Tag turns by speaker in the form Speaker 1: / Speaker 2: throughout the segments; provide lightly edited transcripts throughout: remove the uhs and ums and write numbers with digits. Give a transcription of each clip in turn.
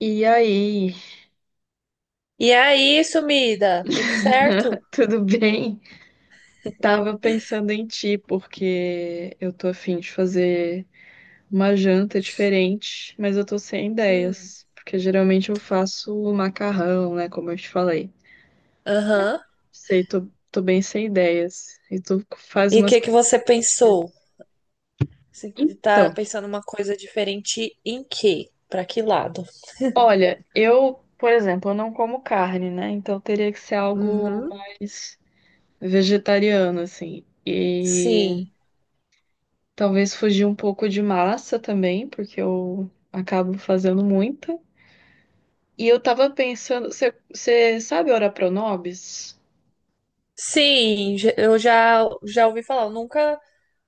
Speaker 1: E aí,
Speaker 2: E aí, sumida, tudo certo?
Speaker 1: tudo bem? Tava pensando em ti, porque eu tô afim de fazer uma janta diferente, mas eu tô sem
Speaker 2: Hum.
Speaker 1: ideias, porque geralmente eu faço o macarrão, né, como eu te falei.
Speaker 2: Aham.
Speaker 1: Sei, tô bem sem ideias, e tu faz
Speaker 2: E o
Speaker 1: umas
Speaker 2: que que
Speaker 1: coisas
Speaker 2: você
Speaker 1: diferentes, né?
Speaker 2: pensou? Você tá
Speaker 1: Então,
Speaker 2: pensando uma coisa diferente em quê? Pra que lado?
Speaker 1: olha, eu, por exemplo, eu não como carne, né, então teria que ser algo
Speaker 2: Uhum.
Speaker 1: mais vegetariano, assim,
Speaker 2: Sim.
Speaker 1: talvez fugir um pouco de massa também, porque eu acabo fazendo muita. E eu tava pensando, você sabe ora pronobis?
Speaker 2: Sim, eu já ouvi falar, eu nunca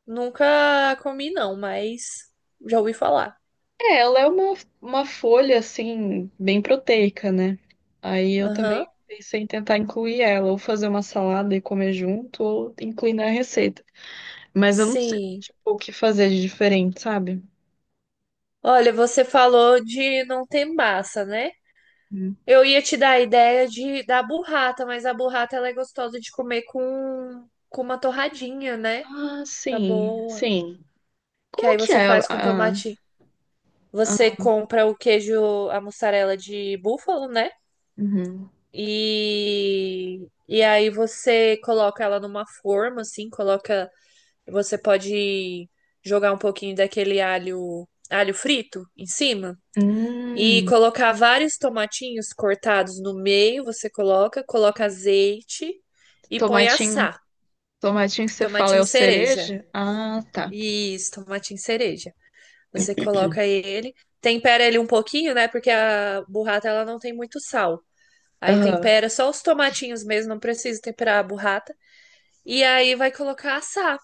Speaker 2: nunca comi não, mas já ouvi falar.
Speaker 1: É, ela é uma folha, assim, bem proteica, né? Aí eu também
Speaker 2: Aham.
Speaker 1: pensei em tentar incluir ela, ou fazer uma salada e comer junto, ou incluir na receita. Mas eu não sei,
Speaker 2: Sim.
Speaker 1: tipo, o que fazer de diferente, sabe?
Speaker 2: Olha, você falou de não ter massa, né?
Speaker 1: Hum.
Speaker 2: Eu ia te dar a ideia de da burrata, mas a burrata ela é gostosa de comer com uma torradinha, né?
Speaker 1: Ah,
Speaker 2: Fica
Speaker 1: sim,
Speaker 2: boa.
Speaker 1: sim.
Speaker 2: Que
Speaker 1: Como
Speaker 2: aí
Speaker 1: que
Speaker 2: você
Speaker 1: é
Speaker 2: faz com tomate. Você
Speaker 1: a-
Speaker 2: compra o queijo, a mussarela de búfalo, né?
Speaker 1: uhum.
Speaker 2: E aí você coloca ela numa forma, assim, coloca. Você pode jogar um pouquinho daquele alho frito em cima. E
Speaker 1: Hum,
Speaker 2: colocar vários tomatinhos cortados no meio, você coloca azeite e põe
Speaker 1: tomatinho.
Speaker 2: assar.
Speaker 1: Tomatinho que você fala é
Speaker 2: Tomatinho
Speaker 1: o
Speaker 2: cereja.
Speaker 1: cereja? Ah, tá.
Speaker 2: Isso, tomatinho cereja. Você coloca ele, tempera ele um pouquinho, né? Porque a burrata ela não tem muito sal. Aí
Speaker 1: Aham.
Speaker 2: tempera só os tomatinhos mesmo, não precisa temperar a burrata. E aí vai colocar assar.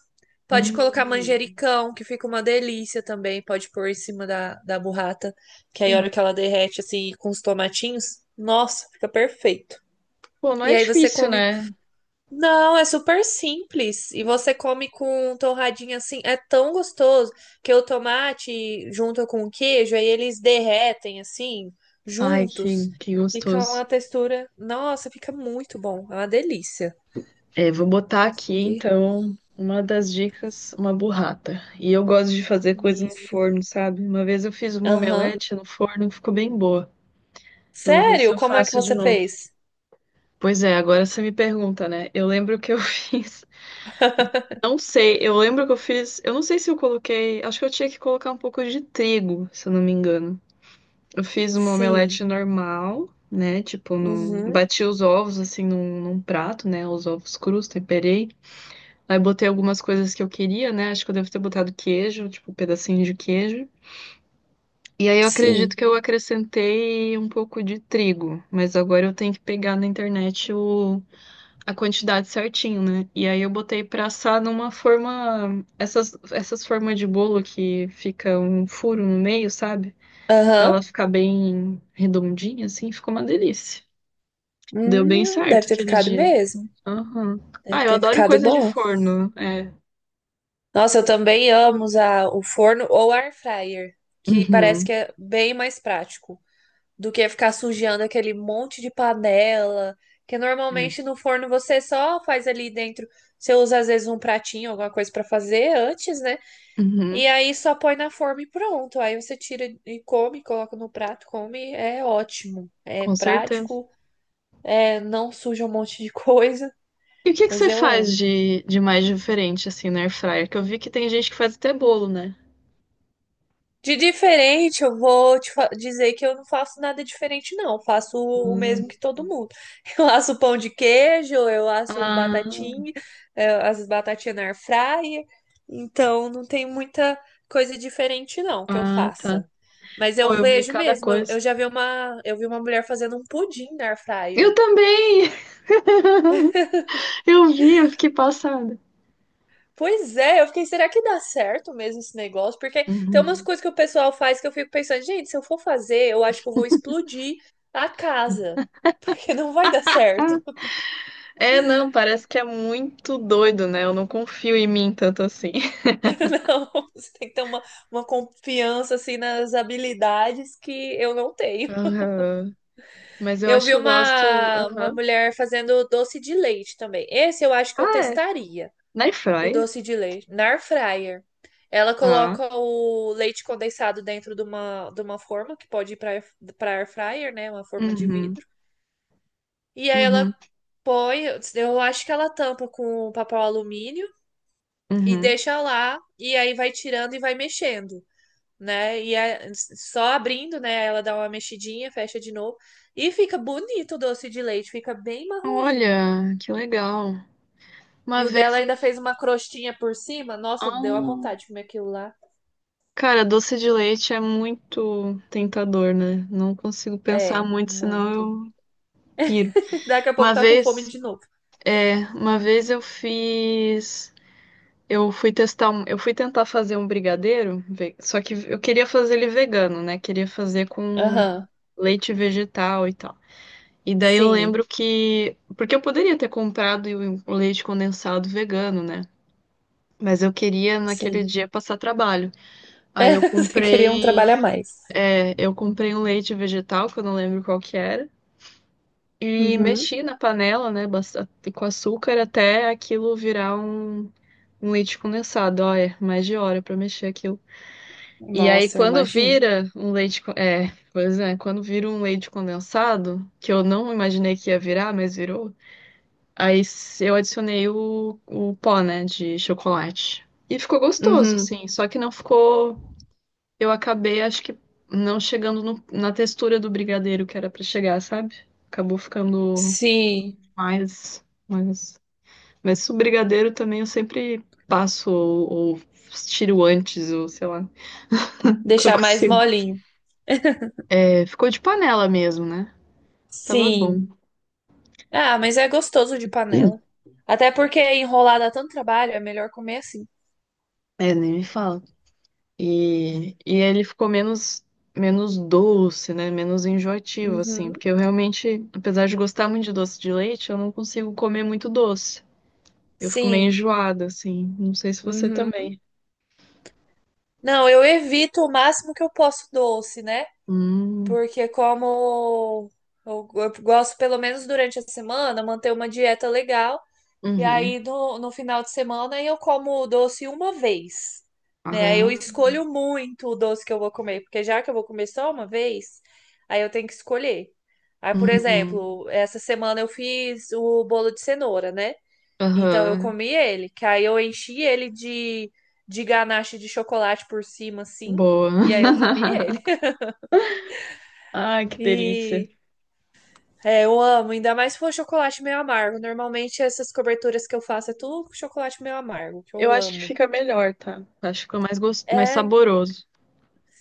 Speaker 2: Pode colocar
Speaker 1: Hum,
Speaker 2: manjericão, que fica uma delícia também. Pode pôr em cima da burrata, que aí a hora
Speaker 1: hum.
Speaker 2: que ela derrete, assim, com os tomatinhos, nossa, fica perfeito.
Speaker 1: Pô, não
Speaker 2: E
Speaker 1: é
Speaker 2: aí você
Speaker 1: difícil,
Speaker 2: come.
Speaker 1: né?
Speaker 2: Não, é super simples. E você come com torradinha assim. É tão gostoso que o tomate junto com o queijo, aí eles derretem assim,
Speaker 1: Ai,
Speaker 2: juntos.
Speaker 1: que
Speaker 2: Fica
Speaker 1: gostoso.
Speaker 2: uma textura. Nossa, fica muito bom. É uma delícia.
Speaker 1: É, vou botar aqui,
Speaker 2: Aqui.
Speaker 1: então, uma das dicas, uma burrata. E eu gosto de fazer coisa no
Speaker 2: Isso.
Speaker 1: forno, sabe? Uma vez eu fiz uma
Speaker 2: Aham.
Speaker 1: omelete no forno, ficou bem boa. Eu vou ver se
Speaker 2: Sério?
Speaker 1: eu
Speaker 2: Como é que
Speaker 1: faço de
Speaker 2: você
Speaker 1: novo.
Speaker 2: fez?
Speaker 1: Pois é, agora você me pergunta, né? Eu lembro que eu fiz. Não sei, eu lembro que eu fiz. Eu não sei se eu coloquei. Acho que eu tinha que colocar um pouco de trigo, se eu não me engano. Eu fiz uma
Speaker 2: Sim.
Speaker 1: omelete normal, né? Tipo,
Speaker 2: Uhum.
Speaker 1: bati os ovos assim num prato, né? Os ovos crus, temperei. Aí botei algumas coisas que eu queria, né? Acho que eu devo ter botado queijo, tipo, um pedacinho de queijo. E aí eu acredito
Speaker 2: Sim.
Speaker 1: que eu acrescentei um pouco de trigo, mas agora eu tenho que pegar na internet a quantidade certinho, né? E aí eu botei pra assar numa forma, essas formas de bolo que fica um furo no meio, sabe? Pra
Speaker 2: Aham.
Speaker 1: ela ficar bem redondinha, assim, ficou uma delícia. Deu bem certo
Speaker 2: Deve ter
Speaker 1: aquele
Speaker 2: ficado
Speaker 1: dia.
Speaker 2: mesmo.
Speaker 1: Aham.
Speaker 2: Deve
Speaker 1: Ah, eu
Speaker 2: ter
Speaker 1: adoro
Speaker 2: ficado
Speaker 1: coisa de
Speaker 2: bom.
Speaker 1: forno. É.
Speaker 2: Nossa, eu também amo usar o forno ou air fryer, que parece que
Speaker 1: Uhum.
Speaker 2: é bem mais prático do que ficar sujando aquele monte de panela, que
Speaker 1: É.
Speaker 2: normalmente no forno você só faz ali dentro, você usa às vezes um pratinho, alguma coisa pra fazer antes, né? E
Speaker 1: Uhum.
Speaker 2: aí só põe na forma e pronto. Aí você tira e come, coloca no prato, come, é ótimo. É
Speaker 1: Com certeza.
Speaker 2: prático. É, não suja um monte de coisa,
Speaker 1: E o que que
Speaker 2: mas
Speaker 1: você
Speaker 2: eu
Speaker 1: faz
Speaker 2: amo.
Speaker 1: de mais diferente, assim, na air fryer? Que eu vi que tem gente que faz até bolo, né?
Speaker 2: De diferente, eu vou te dizer que eu não faço nada diferente, não. Eu faço o
Speaker 1: Hum.
Speaker 2: mesmo que todo mundo. Eu asso pão de queijo, eu asso
Speaker 1: Ah,
Speaker 2: batatinha, eu as batatinhas na air fryer. Então, não tem muita coisa diferente, não, que eu
Speaker 1: ah, tá.
Speaker 2: faça. Mas eu
Speaker 1: Pô, eu vi
Speaker 2: vejo
Speaker 1: cada
Speaker 2: mesmo, eu
Speaker 1: coisa.
Speaker 2: eu já vi uma, eu vi uma mulher fazendo um pudim na air
Speaker 1: Eu
Speaker 2: fryer.
Speaker 1: também! Eu vi, eu fiquei passada.
Speaker 2: Pois é, eu fiquei, será que dá certo mesmo esse negócio? Porque tem umas
Speaker 1: Uhum.
Speaker 2: coisas que o pessoal faz que eu fico pensando, gente, se eu for fazer, eu acho que eu vou explodir a casa, porque não vai dar certo.
Speaker 1: É, não, parece que é muito doido, né? Eu não confio em mim tanto assim.
Speaker 2: Não, você tem que ter uma confiança, assim, nas habilidades que eu não tenho.
Speaker 1: Aham. Mas eu
Speaker 2: Eu
Speaker 1: acho
Speaker 2: vi
Speaker 1: que eu gosto.
Speaker 2: uma
Speaker 1: Aham.
Speaker 2: mulher fazendo doce de leite também. Esse eu acho que eu
Speaker 1: Ah, é.
Speaker 2: testaria.
Speaker 1: Na
Speaker 2: O
Speaker 1: Airfryer,
Speaker 2: doce de leite. Na air fryer. Ela
Speaker 1: tá?
Speaker 2: coloca o leite condensado dentro de uma forma que pode ir para air fryer, né? Uma forma de
Speaker 1: Uhum.
Speaker 2: vidro. E aí ela
Speaker 1: Uhum.
Speaker 2: põe, eu acho que ela tampa com papel alumínio e
Speaker 1: Uhum.
Speaker 2: deixa lá e aí vai tirando e vai mexendo, né? E é só abrindo, né? Ela dá uma mexidinha, fecha de novo e fica bonito o doce de leite, fica bem marronzinho.
Speaker 1: Olha, que legal.
Speaker 2: E
Speaker 1: Uma
Speaker 2: o dela
Speaker 1: vez eu.
Speaker 2: ainda fez uma crostinha por cima. Nossa, deu a
Speaker 1: Ah,
Speaker 2: vontade de comer aquilo lá.
Speaker 1: cara, doce de leite é muito tentador, né? Não consigo pensar
Speaker 2: É,
Speaker 1: muito, senão
Speaker 2: muito.
Speaker 1: eu piro.
Speaker 2: Daqui a pouco
Speaker 1: Uma
Speaker 2: tá com fome
Speaker 1: vez,
Speaker 2: de novo.
Speaker 1: é, uma vez eu fiz. Eu fui testar, eu fui tentar fazer um brigadeiro, só que eu queria fazer ele vegano, né? Queria fazer com
Speaker 2: Aham,
Speaker 1: leite vegetal e tal. E daí eu
Speaker 2: sim,
Speaker 1: lembro que. Porque eu poderia ter comprado o leite condensado vegano, né? Mas eu queria naquele
Speaker 2: sim.
Speaker 1: dia passar trabalho. Aí
Speaker 2: É,
Speaker 1: eu
Speaker 2: você queria um
Speaker 1: comprei.
Speaker 2: trabalho a mais.
Speaker 1: É, eu comprei um leite vegetal, que eu não lembro qual que era. E
Speaker 2: Uhum.
Speaker 1: mexi na panela, né? Com açúcar até aquilo virar um leite condensado. Ó, é mais de hora pra mexer aquilo. E aí
Speaker 2: Nossa, eu
Speaker 1: quando
Speaker 2: imagino.
Speaker 1: vira um É, pois é, quando vira um leite condensado, que eu não imaginei que ia virar, mas virou. Aí eu adicionei o pó, né, de chocolate. E ficou gostoso,
Speaker 2: Uhum,
Speaker 1: assim. Só que não ficou. Eu acabei, acho que não chegando na textura do brigadeiro que era pra chegar, sabe? Acabou ficando
Speaker 2: sim.
Speaker 1: mais. Mas o brigadeiro também eu sempre passo ou tiro antes, ou sei lá. Nunca
Speaker 2: Deixar mais
Speaker 1: consigo.
Speaker 2: molinho.
Speaker 1: É, ficou de panela mesmo, né? Tava
Speaker 2: Sim.
Speaker 1: bom.
Speaker 2: Ah, mas é gostoso de panela. Até porque enrolar dá tanto trabalho, é melhor comer assim.
Speaker 1: É, nem me fala. E ele ficou menos doce, né? Menos enjoativo, assim.
Speaker 2: Uhum,
Speaker 1: Porque eu realmente, apesar de gostar muito de doce de leite, eu não consigo comer muito doce. Eu fico meio
Speaker 2: sim.
Speaker 1: enjoada, assim. Não sei se você
Speaker 2: Uhum.
Speaker 1: também.
Speaker 2: Não, eu evito o máximo que eu posso doce, né?
Speaker 1: Hum,
Speaker 2: Porque como eu gosto, pelo menos durante a semana, manter uma dieta legal. E
Speaker 1: uhum.
Speaker 2: aí no final de semana eu como o doce uma vez, né? Eu
Speaker 1: Aham,
Speaker 2: escolho muito o doce que eu vou comer, porque já que eu vou comer só uma vez, aí eu tenho que escolher. Aí, por
Speaker 1: uhum.
Speaker 2: exemplo, essa semana eu fiz o bolo de cenoura, né? Então eu
Speaker 1: Aham.
Speaker 2: comi ele, que aí eu enchi ele de ganache de chocolate por cima, assim,
Speaker 1: Boa.
Speaker 2: e aí eu comi ele.
Speaker 1: Ai, que delícia.
Speaker 2: E é, eu amo, ainda mais se for chocolate meio amargo. Normalmente essas coberturas que eu faço é tudo com chocolate meio amargo, que
Speaker 1: Eu
Speaker 2: eu
Speaker 1: acho que
Speaker 2: amo.
Speaker 1: fica melhor, tá? Acho que fica gos... mais
Speaker 2: É,
Speaker 1: saboroso.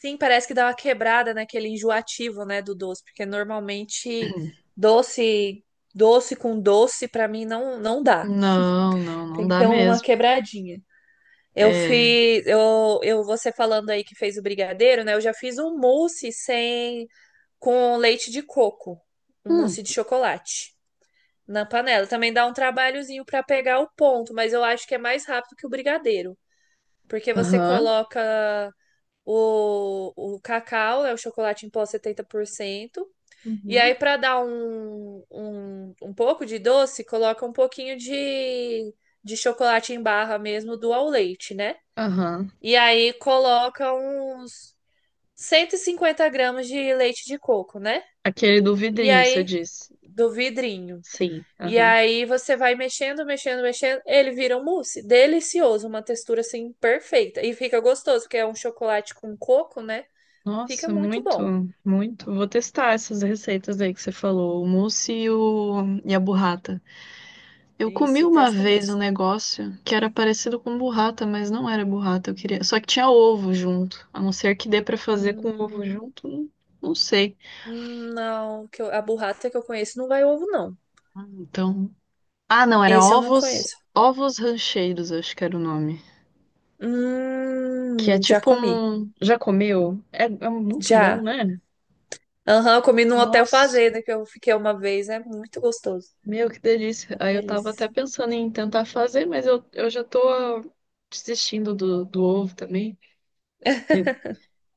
Speaker 2: sim, parece que dá uma quebrada naquele enjoativo, né, do doce, porque normalmente doce, doce com doce pra mim não dá.
Speaker 1: Não
Speaker 2: Tem que
Speaker 1: dá
Speaker 2: ter uma
Speaker 1: mesmo.
Speaker 2: quebradinha. Eu
Speaker 1: É.
Speaker 2: fiz, eu você falando aí que fez o brigadeiro, né? Eu já fiz um mousse sem com leite de coco, um
Speaker 1: Hum.
Speaker 2: mousse de chocolate na panela. Também dá um trabalhozinho pra pegar o ponto, mas eu acho que é mais rápido que o brigadeiro, porque você
Speaker 1: Aham.
Speaker 2: coloca. O cacau é o chocolate em pó 70%. E
Speaker 1: Uhum.
Speaker 2: aí, para dar um, pouco de doce, coloca um pouquinho de chocolate em barra mesmo do ao leite, né?
Speaker 1: Aham.
Speaker 2: E aí coloca uns 150 g de leite de coco, né?
Speaker 1: Aquele do
Speaker 2: E
Speaker 1: vidrinho, você
Speaker 2: aí,
Speaker 1: disse.
Speaker 2: do vidrinho.
Speaker 1: Sim,
Speaker 2: E
Speaker 1: aham.
Speaker 2: aí você vai mexendo, mexendo, mexendo. Ele vira um mousse. Delicioso, uma textura assim perfeita. E fica gostoso, porque é um chocolate com coco, né? Fica
Speaker 1: Nossa,
Speaker 2: muito
Speaker 1: muito,
Speaker 2: bom.
Speaker 1: muito. Vou testar essas receitas aí que você falou, o mousse e a burrata. Eu comi
Speaker 2: Isso,
Speaker 1: uma
Speaker 2: testa
Speaker 1: vez um
Speaker 2: mesmo.
Speaker 1: negócio que era parecido com burrata, mas não era burrata, eu queria. Só que tinha ovo junto. A não ser que dê pra fazer com ovo
Speaker 2: Hum,
Speaker 1: junto, não sei.
Speaker 2: não, a burrata que eu conheço não vai ovo, não.
Speaker 1: Ah, então, ah, não, era
Speaker 2: Esse eu não
Speaker 1: ovos,
Speaker 2: conheço.
Speaker 1: ovos rancheiros, acho que era o nome. Que é
Speaker 2: Já
Speaker 1: tipo
Speaker 2: comi.
Speaker 1: um, já comeu? É, é muito bom,
Speaker 2: Já.
Speaker 1: né?
Speaker 2: Aham, eu comi num hotel
Speaker 1: Nossa.
Speaker 2: fazenda que eu fiquei uma vez. É muito gostoso.
Speaker 1: Meu, que delícia.
Speaker 2: Uma
Speaker 1: Aí eu tava até
Speaker 2: delícia.
Speaker 1: pensando em tentar fazer, mas eu já tô desistindo do ovo também. Eu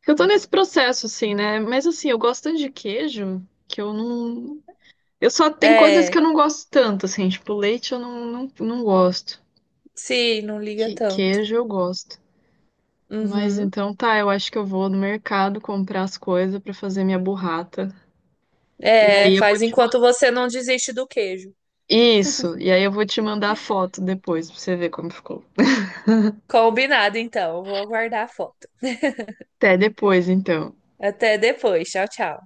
Speaker 1: eu tô nesse processo, assim, né? Mas assim, eu gosto tanto de queijo que eu não. Eu só tem coisas que eu
Speaker 2: É,
Speaker 1: não gosto tanto, assim, tipo, leite eu não gosto.
Speaker 2: sim, não liga
Speaker 1: Que,
Speaker 2: tanto.
Speaker 1: queijo eu gosto. Mas
Speaker 2: Uhum.
Speaker 1: então tá, eu acho que eu vou no mercado comprar as coisas pra fazer minha burrata. E
Speaker 2: É,
Speaker 1: aí eu vou
Speaker 2: faz
Speaker 1: te
Speaker 2: enquanto
Speaker 1: mandar.
Speaker 2: você não desiste do queijo.
Speaker 1: Isso, e aí eu vou te mandar a foto depois pra você ver como ficou.
Speaker 2: Combinado, então. Eu vou aguardar a foto.
Speaker 1: Até depois, então.
Speaker 2: Até depois. Tchau, tchau.